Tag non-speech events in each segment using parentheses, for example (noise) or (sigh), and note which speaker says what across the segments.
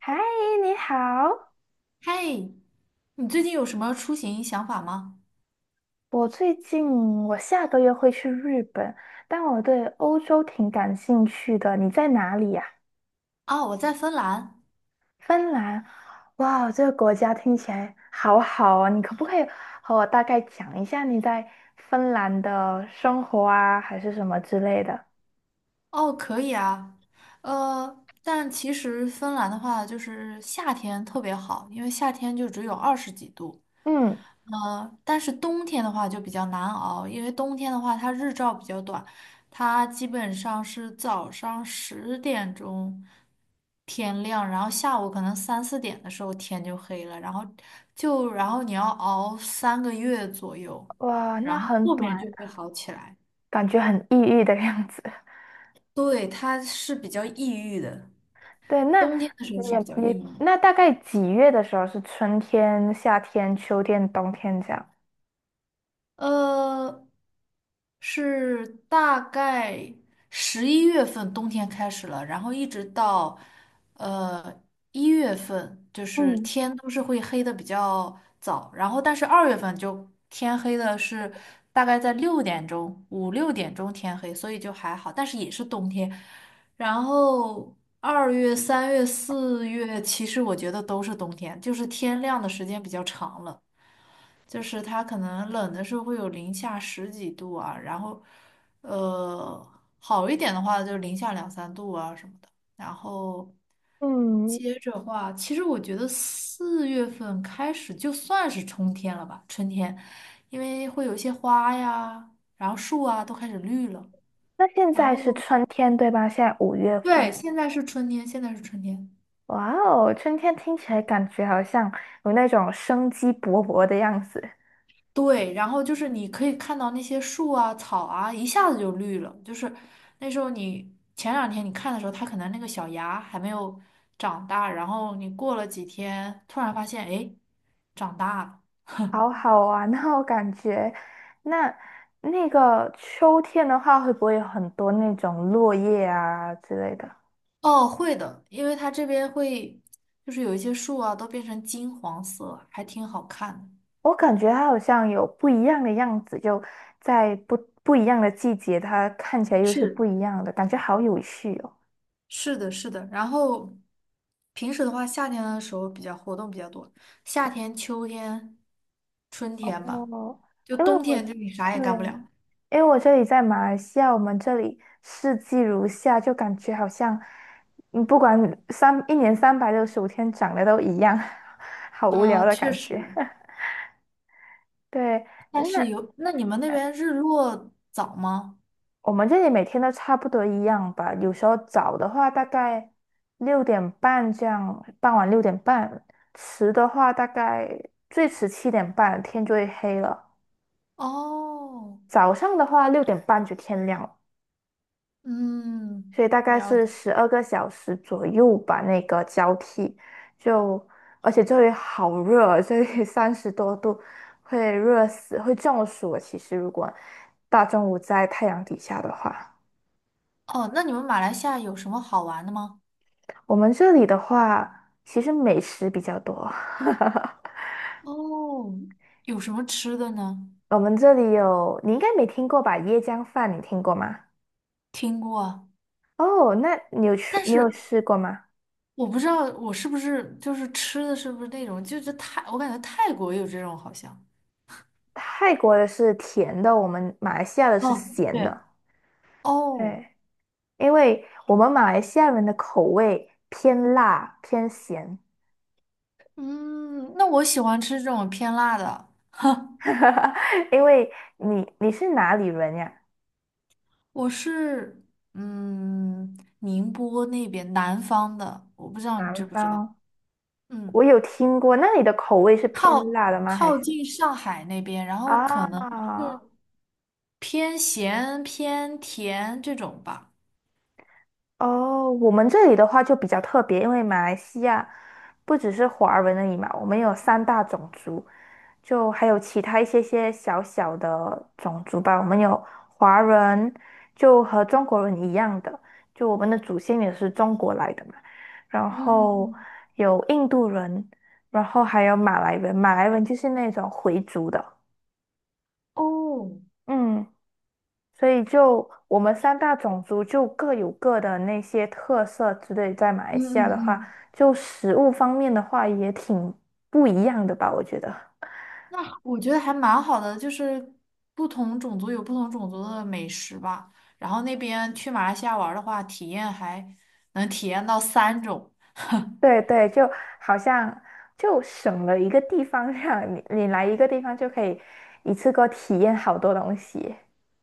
Speaker 1: 嗨，你好。
Speaker 2: 嘿，你最近有什么出行想法吗？
Speaker 1: 我最近我下个月会去日本，但我对欧洲挺感兴趣的。你在哪里呀？
Speaker 2: 啊，我在芬兰。
Speaker 1: 芬兰。哇，这个国家听起来好好哦。你可不可以和我大概讲一下你在芬兰的生活啊，还是什么之类的？
Speaker 2: 哦，可以啊。但其实芬兰的话，就是夏天特别好，因为夏天就只有二十几度，
Speaker 1: 嗯，
Speaker 2: 但是冬天的话就比较难熬，因为冬天的话它日照比较短，它基本上是早上10点钟天亮，然后下午可能三四点的时候天就黑了，然后你要熬3个月左右，
Speaker 1: 哇，那
Speaker 2: 然后
Speaker 1: 很
Speaker 2: 后面
Speaker 1: 短，
Speaker 2: 就会好起来。
Speaker 1: 感觉很抑郁的样子。
Speaker 2: 对，它是比较抑郁的，
Speaker 1: (laughs) 对，那
Speaker 2: 冬天的时
Speaker 1: 你
Speaker 2: 候是比较抑
Speaker 1: 你
Speaker 2: 郁。
Speaker 1: 那大概几月的时候是春天、夏天、秋天、冬天这样？
Speaker 2: 呃，是大概11月份冬天开始了，然后一直到呃一月份，就是
Speaker 1: 嗯
Speaker 2: 天都是会黑的比较早，然后但是2月份就天黑的是大概在六点钟，五六点钟天黑，所以就还好，但是也是冬天。然后2月、3月、4月，其实我觉得都是冬天，就是天亮的时间比较长了。就是它可能冷的时候会有零下十几度啊，然后，呃，好一点的话就零下两三度啊什么的。然后
Speaker 1: 嗯，
Speaker 2: 接着话，其实我觉得4月份开始就算是春天了吧，春天，因为会有一些花呀，然后树啊都开始绿了。
Speaker 1: 那现
Speaker 2: 然
Speaker 1: 在
Speaker 2: 后
Speaker 1: 是春天对吧？现在五月
Speaker 2: 对，
Speaker 1: 份，
Speaker 2: 现在是春天，现在是春天。
Speaker 1: 哇哦，春天听起来感觉好像有那种生机勃勃的样子，
Speaker 2: 对，然后就是你可以看到那些树啊、草啊，一下子就绿了。就是那时候你前两天你看的时候，它可能那个小芽还没有长大，然后你过了几天，突然发现，哎，长大了。
Speaker 1: 好好玩哦，(laughs) 感觉。那那个秋天的话，会不会有很多那种落叶啊之类的？
Speaker 2: 哦，会的，因为它这边会，就是有一些树啊，都变成金黄色，还挺好看的。
Speaker 1: 我感觉它好像有不一样的样子，就在不一样的季节，它看起来又是
Speaker 2: 是，
Speaker 1: 不一样的，感觉好有趣哦。
Speaker 2: 是的，是的。然后平时的话，夏天的时候比较活动比较多，夏天、秋天、春天吧。
Speaker 1: 哦，
Speaker 2: 就
Speaker 1: 因为
Speaker 2: 冬
Speaker 1: 我
Speaker 2: 天，就你啥也
Speaker 1: 对，
Speaker 2: 干不了。
Speaker 1: 因为我这里在马来西亚，我们这里四季如夏，就感觉好像，嗯，不管一年365天长得都一样，(laughs) 好无聊
Speaker 2: 啊，
Speaker 1: 的
Speaker 2: 确
Speaker 1: 感觉。
Speaker 2: 实。
Speaker 1: (laughs) 对，
Speaker 2: 但
Speaker 1: 那
Speaker 2: 是有，那你们那
Speaker 1: 呃
Speaker 2: 边日落早吗？
Speaker 1: 我们这里每天都差不多一样吧。有时候早的话大概六点半这样，傍晚六点半；迟的话大概最迟7:30，天就会黑了。
Speaker 2: 哦，
Speaker 1: 早上的话六点半就天亮了。
Speaker 2: 嗯，
Speaker 1: 所以大概
Speaker 2: 了
Speaker 1: 是
Speaker 2: 解。
Speaker 1: 12个小时左右吧，那个交替就，而且这里好热，这里 (laughs) 30多度，会热死，会中暑的其实如果大中午在太阳底下的话，
Speaker 2: 哦，那你们马来西亚有什么好玩的吗？
Speaker 1: 我们这里的话，其实美食比较多。
Speaker 2: 哦，有什么吃的呢？
Speaker 1: (laughs) 我们这里有，你应该没听过吧？椰浆饭你听过吗？
Speaker 2: 听过啊
Speaker 1: 哦，那
Speaker 2: 但
Speaker 1: 你有
Speaker 2: 是
Speaker 1: 吃过吗？
Speaker 2: 我不知道我是不是就是吃的是不是那种，就是泰，我感觉泰国有这种好像。
Speaker 1: 泰国的是甜的，我们马来西亚的是
Speaker 2: 哦，
Speaker 1: 咸
Speaker 2: 对，
Speaker 1: 的。
Speaker 2: 哦，
Speaker 1: 对。因为我们马来西亚人的口味偏辣偏咸，
Speaker 2: 嗯，那我喜欢吃这种偏辣的。(laughs)
Speaker 1: (laughs) 因为你是哪里人呀？
Speaker 2: 我是宁波那边南方的，我不知道你
Speaker 1: 南
Speaker 2: 知不知道。
Speaker 1: 方，我
Speaker 2: 嗯，
Speaker 1: 有听过，那你的口味是偏
Speaker 2: 靠
Speaker 1: 辣的吗？还
Speaker 2: 靠
Speaker 1: 是
Speaker 2: 近上海那边，然后可能
Speaker 1: 啊？
Speaker 2: 是偏咸偏甜这种吧。
Speaker 1: 哦，我们这里的话就比较特别，因为马来西亚不只是华人而已嘛，我们有三大种族，就还有其他一些些小小的种族吧。我们有华人，就和中国人一样的，就我们的祖先也是中国来的嘛。然
Speaker 2: 嗯嗯
Speaker 1: 后
Speaker 2: 嗯
Speaker 1: 有印度人，然后还有马来人，马来人就是那种回族的。
Speaker 2: 哦，
Speaker 1: 嗯。所以就我们三大种族就各有各的那些特色之类，在马来
Speaker 2: 嗯
Speaker 1: 西亚的
Speaker 2: 嗯
Speaker 1: 话，
Speaker 2: 嗯。
Speaker 1: 就食物方面的话也挺不一样的吧，我觉得。(laughs)
Speaker 2: 那我觉得还蛮好的，就是不同种族有不同种族的美食吧。然后那边去马来西亚玩儿的话，体验还能体验到三种。
Speaker 1: 对对，就好像就省了一个地方，让你来一个地方就可以一次过体验好多东西。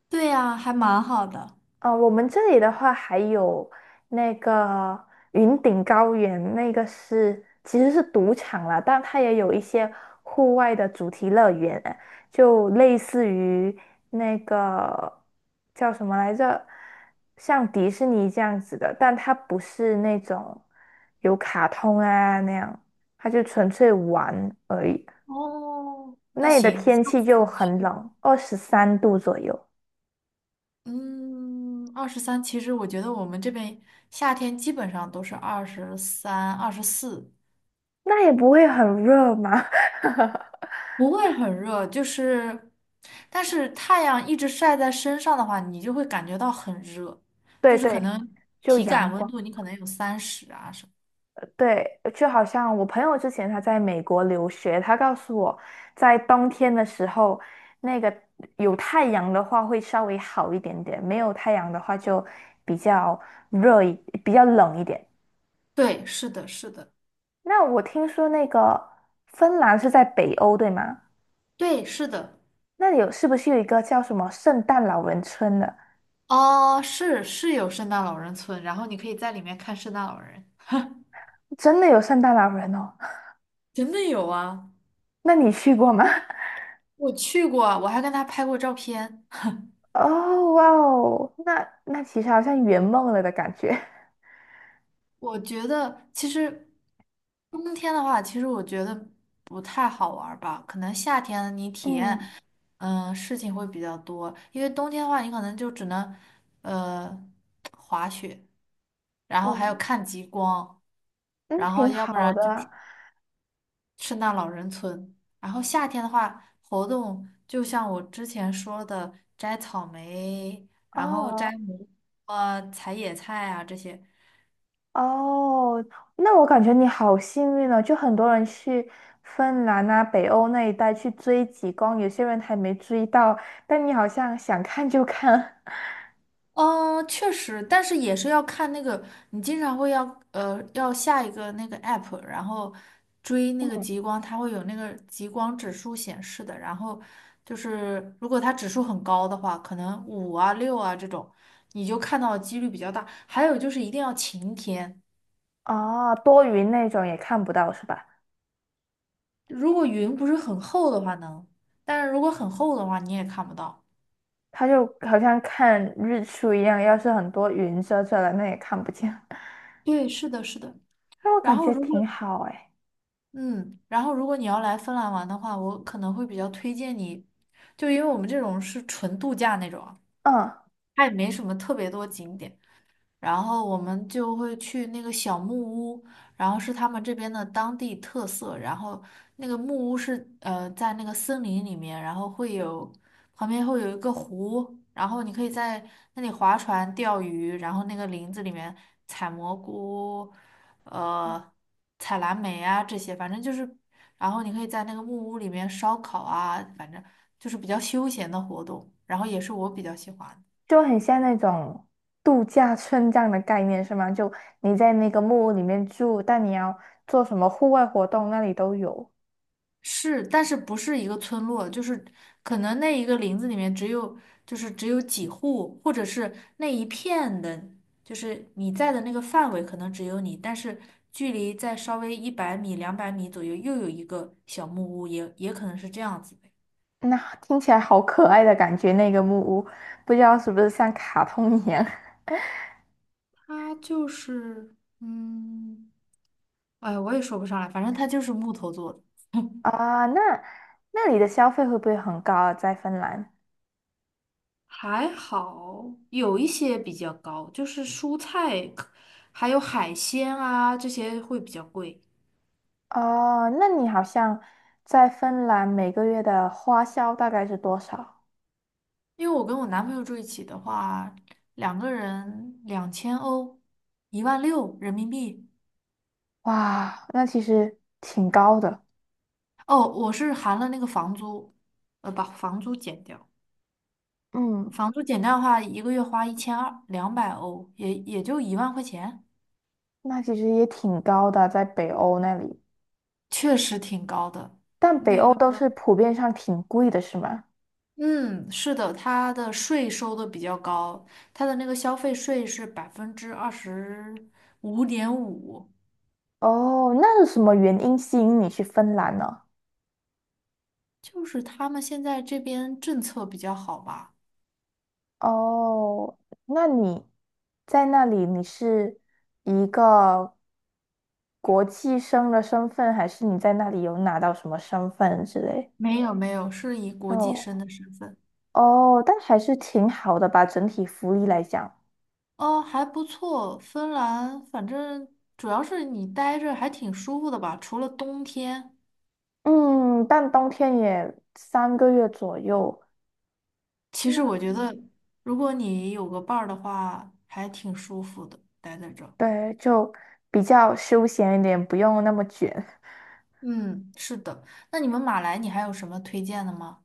Speaker 2: 对呀，还蛮好的。
Speaker 1: 哦，我们这里的话还有那个云顶高原，那个是其实是赌场啦，但它也有一些户外的主题乐园，就类似于那个叫什么来着，像迪士尼这样子的，但它不是那种有卡通啊那样，它就纯粹玩而已。
Speaker 2: 哦，那
Speaker 1: 那里的
Speaker 2: 行，
Speaker 1: 天
Speaker 2: 下
Speaker 1: 气就
Speaker 2: 次
Speaker 1: 很
Speaker 2: 去。
Speaker 1: 冷，23度左右，
Speaker 2: 嗯，二十三，其实我觉得我们这边夏天基本上都是二十三、二十四。
Speaker 1: 那也不会很热嘛。
Speaker 2: 不会很热，就是，但是太阳一直晒在身上的话，你就会感觉到很热，就
Speaker 1: 对
Speaker 2: 是可
Speaker 1: 对，
Speaker 2: 能
Speaker 1: 就
Speaker 2: 体
Speaker 1: 阳
Speaker 2: 感温
Speaker 1: 光，
Speaker 2: 度你可能有三十啊什么。
Speaker 1: 对，就好像我朋友之前他在美国留学，他告诉我，在冬天的时候，那个有太阳的话会稍微好一点点，没有太阳的话就比较热一，比较冷一点。
Speaker 2: 对，是的，是的，
Speaker 1: 那我听说那个芬兰是在北欧，对吗？
Speaker 2: 对，是的，
Speaker 1: 那里有是不是有一个叫什么圣诞老人村的？
Speaker 2: 哦，是是有圣诞老人村，然后你可以在里面看圣诞老人，
Speaker 1: 真的有圣诞老人哦？
Speaker 2: 真的有啊，
Speaker 1: (laughs) 那你去过吗？(laughs)
Speaker 2: 我去过，我还跟他拍过照片。
Speaker 1: 哦，哇哦，那那其实好像圆梦了的感觉。
Speaker 2: 我觉得其实冬天的话，其实我觉得不太好玩儿吧。可能夏天你体验，
Speaker 1: 嗯
Speaker 2: 事情会比较多。因为冬天的话，你可能就只能，呃，滑雪，然后还有
Speaker 1: 对，
Speaker 2: 看极光，
Speaker 1: 嗯，
Speaker 2: 然后
Speaker 1: 挺
Speaker 2: 要不
Speaker 1: 好
Speaker 2: 然就是
Speaker 1: 的
Speaker 2: 圣诞老人村。然后夏天的话，活动就像我之前说的，摘草莓，然后
Speaker 1: 哦
Speaker 2: 啊采野菜啊这些。
Speaker 1: 哦，那我感觉你好幸运哦，就很多人去芬兰啊、北欧那一带去追极光，有些人还没追到，但你好像想看就看，
Speaker 2: 嗯，确实，但是也是要看那个，你经常会要下一个那个 app，然后追
Speaker 1: (laughs)
Speaker 2: 那个
Speaker 1: 嗯，
Speaker 2: 极光，它会有那个极光指数显示的。然后就是如果它指数很高的话，可能五啊六啊这种，你就看到的几率比较大。还有就是一定要晴天，
Speaker 1: 哦，多云那种也看不到是吧？
Speaker 2: 如果云不是很厚的话能，但是如果很厚的话你也看不到。
Speaker 1: 它就好像看日出一样，要是很多云遮着了，那也看不见。(laughs)
Speaker 2: 对，是的，是的。
Speaker 1: 那我
Speaker 2: 然
Speaker 1: 感
Speaker 2: 后
Speaker 1: 觉
Speaker 2: 如果
Speaker 1: 挺好哎，
Speaker 2: 嗯，然后如果你要来芬兰玩的话，我可能会比较推荐你，就因为我们这种是纯度假那种啊
Speaker 1: 嗯。
Speaker 2: 它也没什么特别多景点。然后我们就会去那个小木屋，然后是他们这边的当地特色。然后那个木屋是在那个森林里面，然后会有旁边会有一个湖，然后你可以在那里划船、钓鱼，然后那个林子里面采蘑菇，呃，采蓝莓啊这些，反正就是，然后你可以在那个木屋里面烧烤啊，反正就是比较休闲的活动，然后也是我比较喜欢的。
Speaker 1: 就很像那种度假村这样的概念是吗？就你在那个木屋里面住，但你要做什么户外活动，那里都有。
Speaker 2: 是，但是不是一个村落，就是可能那一个林子里面只有几户，或者是那一片的，就是你在的那个范围可能只有你，但是距离在稍微100米、200米左右又有一个小木屋，也可能是这样子的。
Speaker 1: 那听起来好可爱的感觉，那个木屋，不知道是不是像卡通一样
Speaker 2: 它就是，嗯，哎，我也说不上来，反正它就是木头做的。
Speaker 1: (laughs)
Speaker 2: (laughs)
Speaker 1: 啊？那那里的消费会不会很高啊？在芬兰？
Speaker 2: 还好，有一些比较高，就是蔬菜，还有海鲜啊，这些会比较贵。
Speaker 1: 哦，那你好像在芬兰每个月的花销大概是多少？
Speaker 2: 因为我跟我男朋友住一起的话，两个人2000欧，1.6万人民币。
Speaker 1: 哇，那其实挺高的。
Speaker 2: 哦，我是含了那个房租，把房租减掉，
Speaker 1: 嗯，
Speaker 2: 房租减掉的话，一个月花1200，200欧，也就1万块钱，
Speaker 1: 那其实也挺高的，在北欧那里。
Speaker 2: 确实挺高的。
Speaker 1: 但北
Speaker 2: 那
Speaker 1: 欧
Speaker 2: 个。
Speaker 1: 都是普遍上挺贵的，是吗？
Speaker 2: 嗯，是的，它的税收的比较高，它的那个消费税是25.5%，
Speaker 1: 哦，那是什么原因吸引你去芬兰呢？
Speaker 2: 就是他们现在这边政策比较好吧？
Speaker 1: 哦，那你在那里你是一个国际生的身份，还是你在那里有拿到什么身份之类？
Speaker 2: 没有没有，是以国际
Speaker 1: 哦
Speaker 2: 生的身份。
Speaker 1: 哦，但还是挺好的吧，整体福利来讲。
Speaker 2: 哦，还不错，芬兰，反正主要是你待着还挺舒服的吧，除了冬天。
Speaker 1: 嗯，但冬天也3个月左右，
Speaker 2: 其
Speaker 1: 那
Speaker 2: 实我觉得，如果你有个伴儿的话，还挺舒服的，待在这儿。
Speaker 1: 对，就比较休闲一点，不用那么卷。
Speaker 2: 嗯，是的。那你们马来，你还有什么推荐的吗？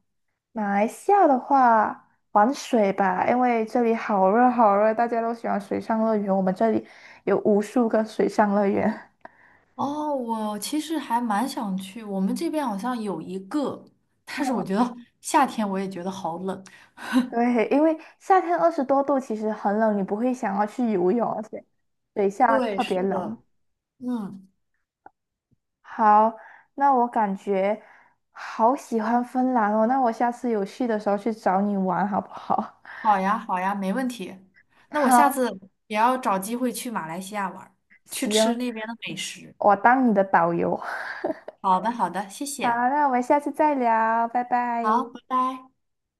Speaker 1: 马来西亚的话，玩水吧，因为这里好热好热，大家都喜欢水上乐园。我们这里有无数个水上乐园。
Speaker 2: 哦，我其实还蛮想去，我们这边好像有一个，但是我
Speaker 1: 嗯，
Speaker 2: 觉得 (laughs) 夏天我也觉得好冷。
Speaker 1: (laughs)
Speaker 2: (laughs)
Speaker 1: 对，因为夏天20多度，其实很冷，你不会想要去游泳，而且水下
Speaker 2: 对，
Speaker 1: 特别
Speaker 2: 是
Speaker 1: 冷。
Speaker 2: 的。嗯，
Speaker 1: 好，那我感觉好喜欢芬兰哦，那我下次有去的时候去找你玩好不好？
Speaker 2: 好呀，好呀，没问题。
Speaker 1: (laughs)
Speaker 2: 那我
Speaker 1: 好，
Speaker 2: 下次也要找机会去马来西亚玩儿去吃
Speaker 1: 行，
Speaker 2: 那边的美食。
Speaker 1: 我当你的导游。(laughs)
Speaker 2: 好的，好的，谢
Speaker 1: 好，
Speaker 2: 谢。
Speaker 1: 那我们下次再聊，拜拜。
Speaker 2: 好，拜拜。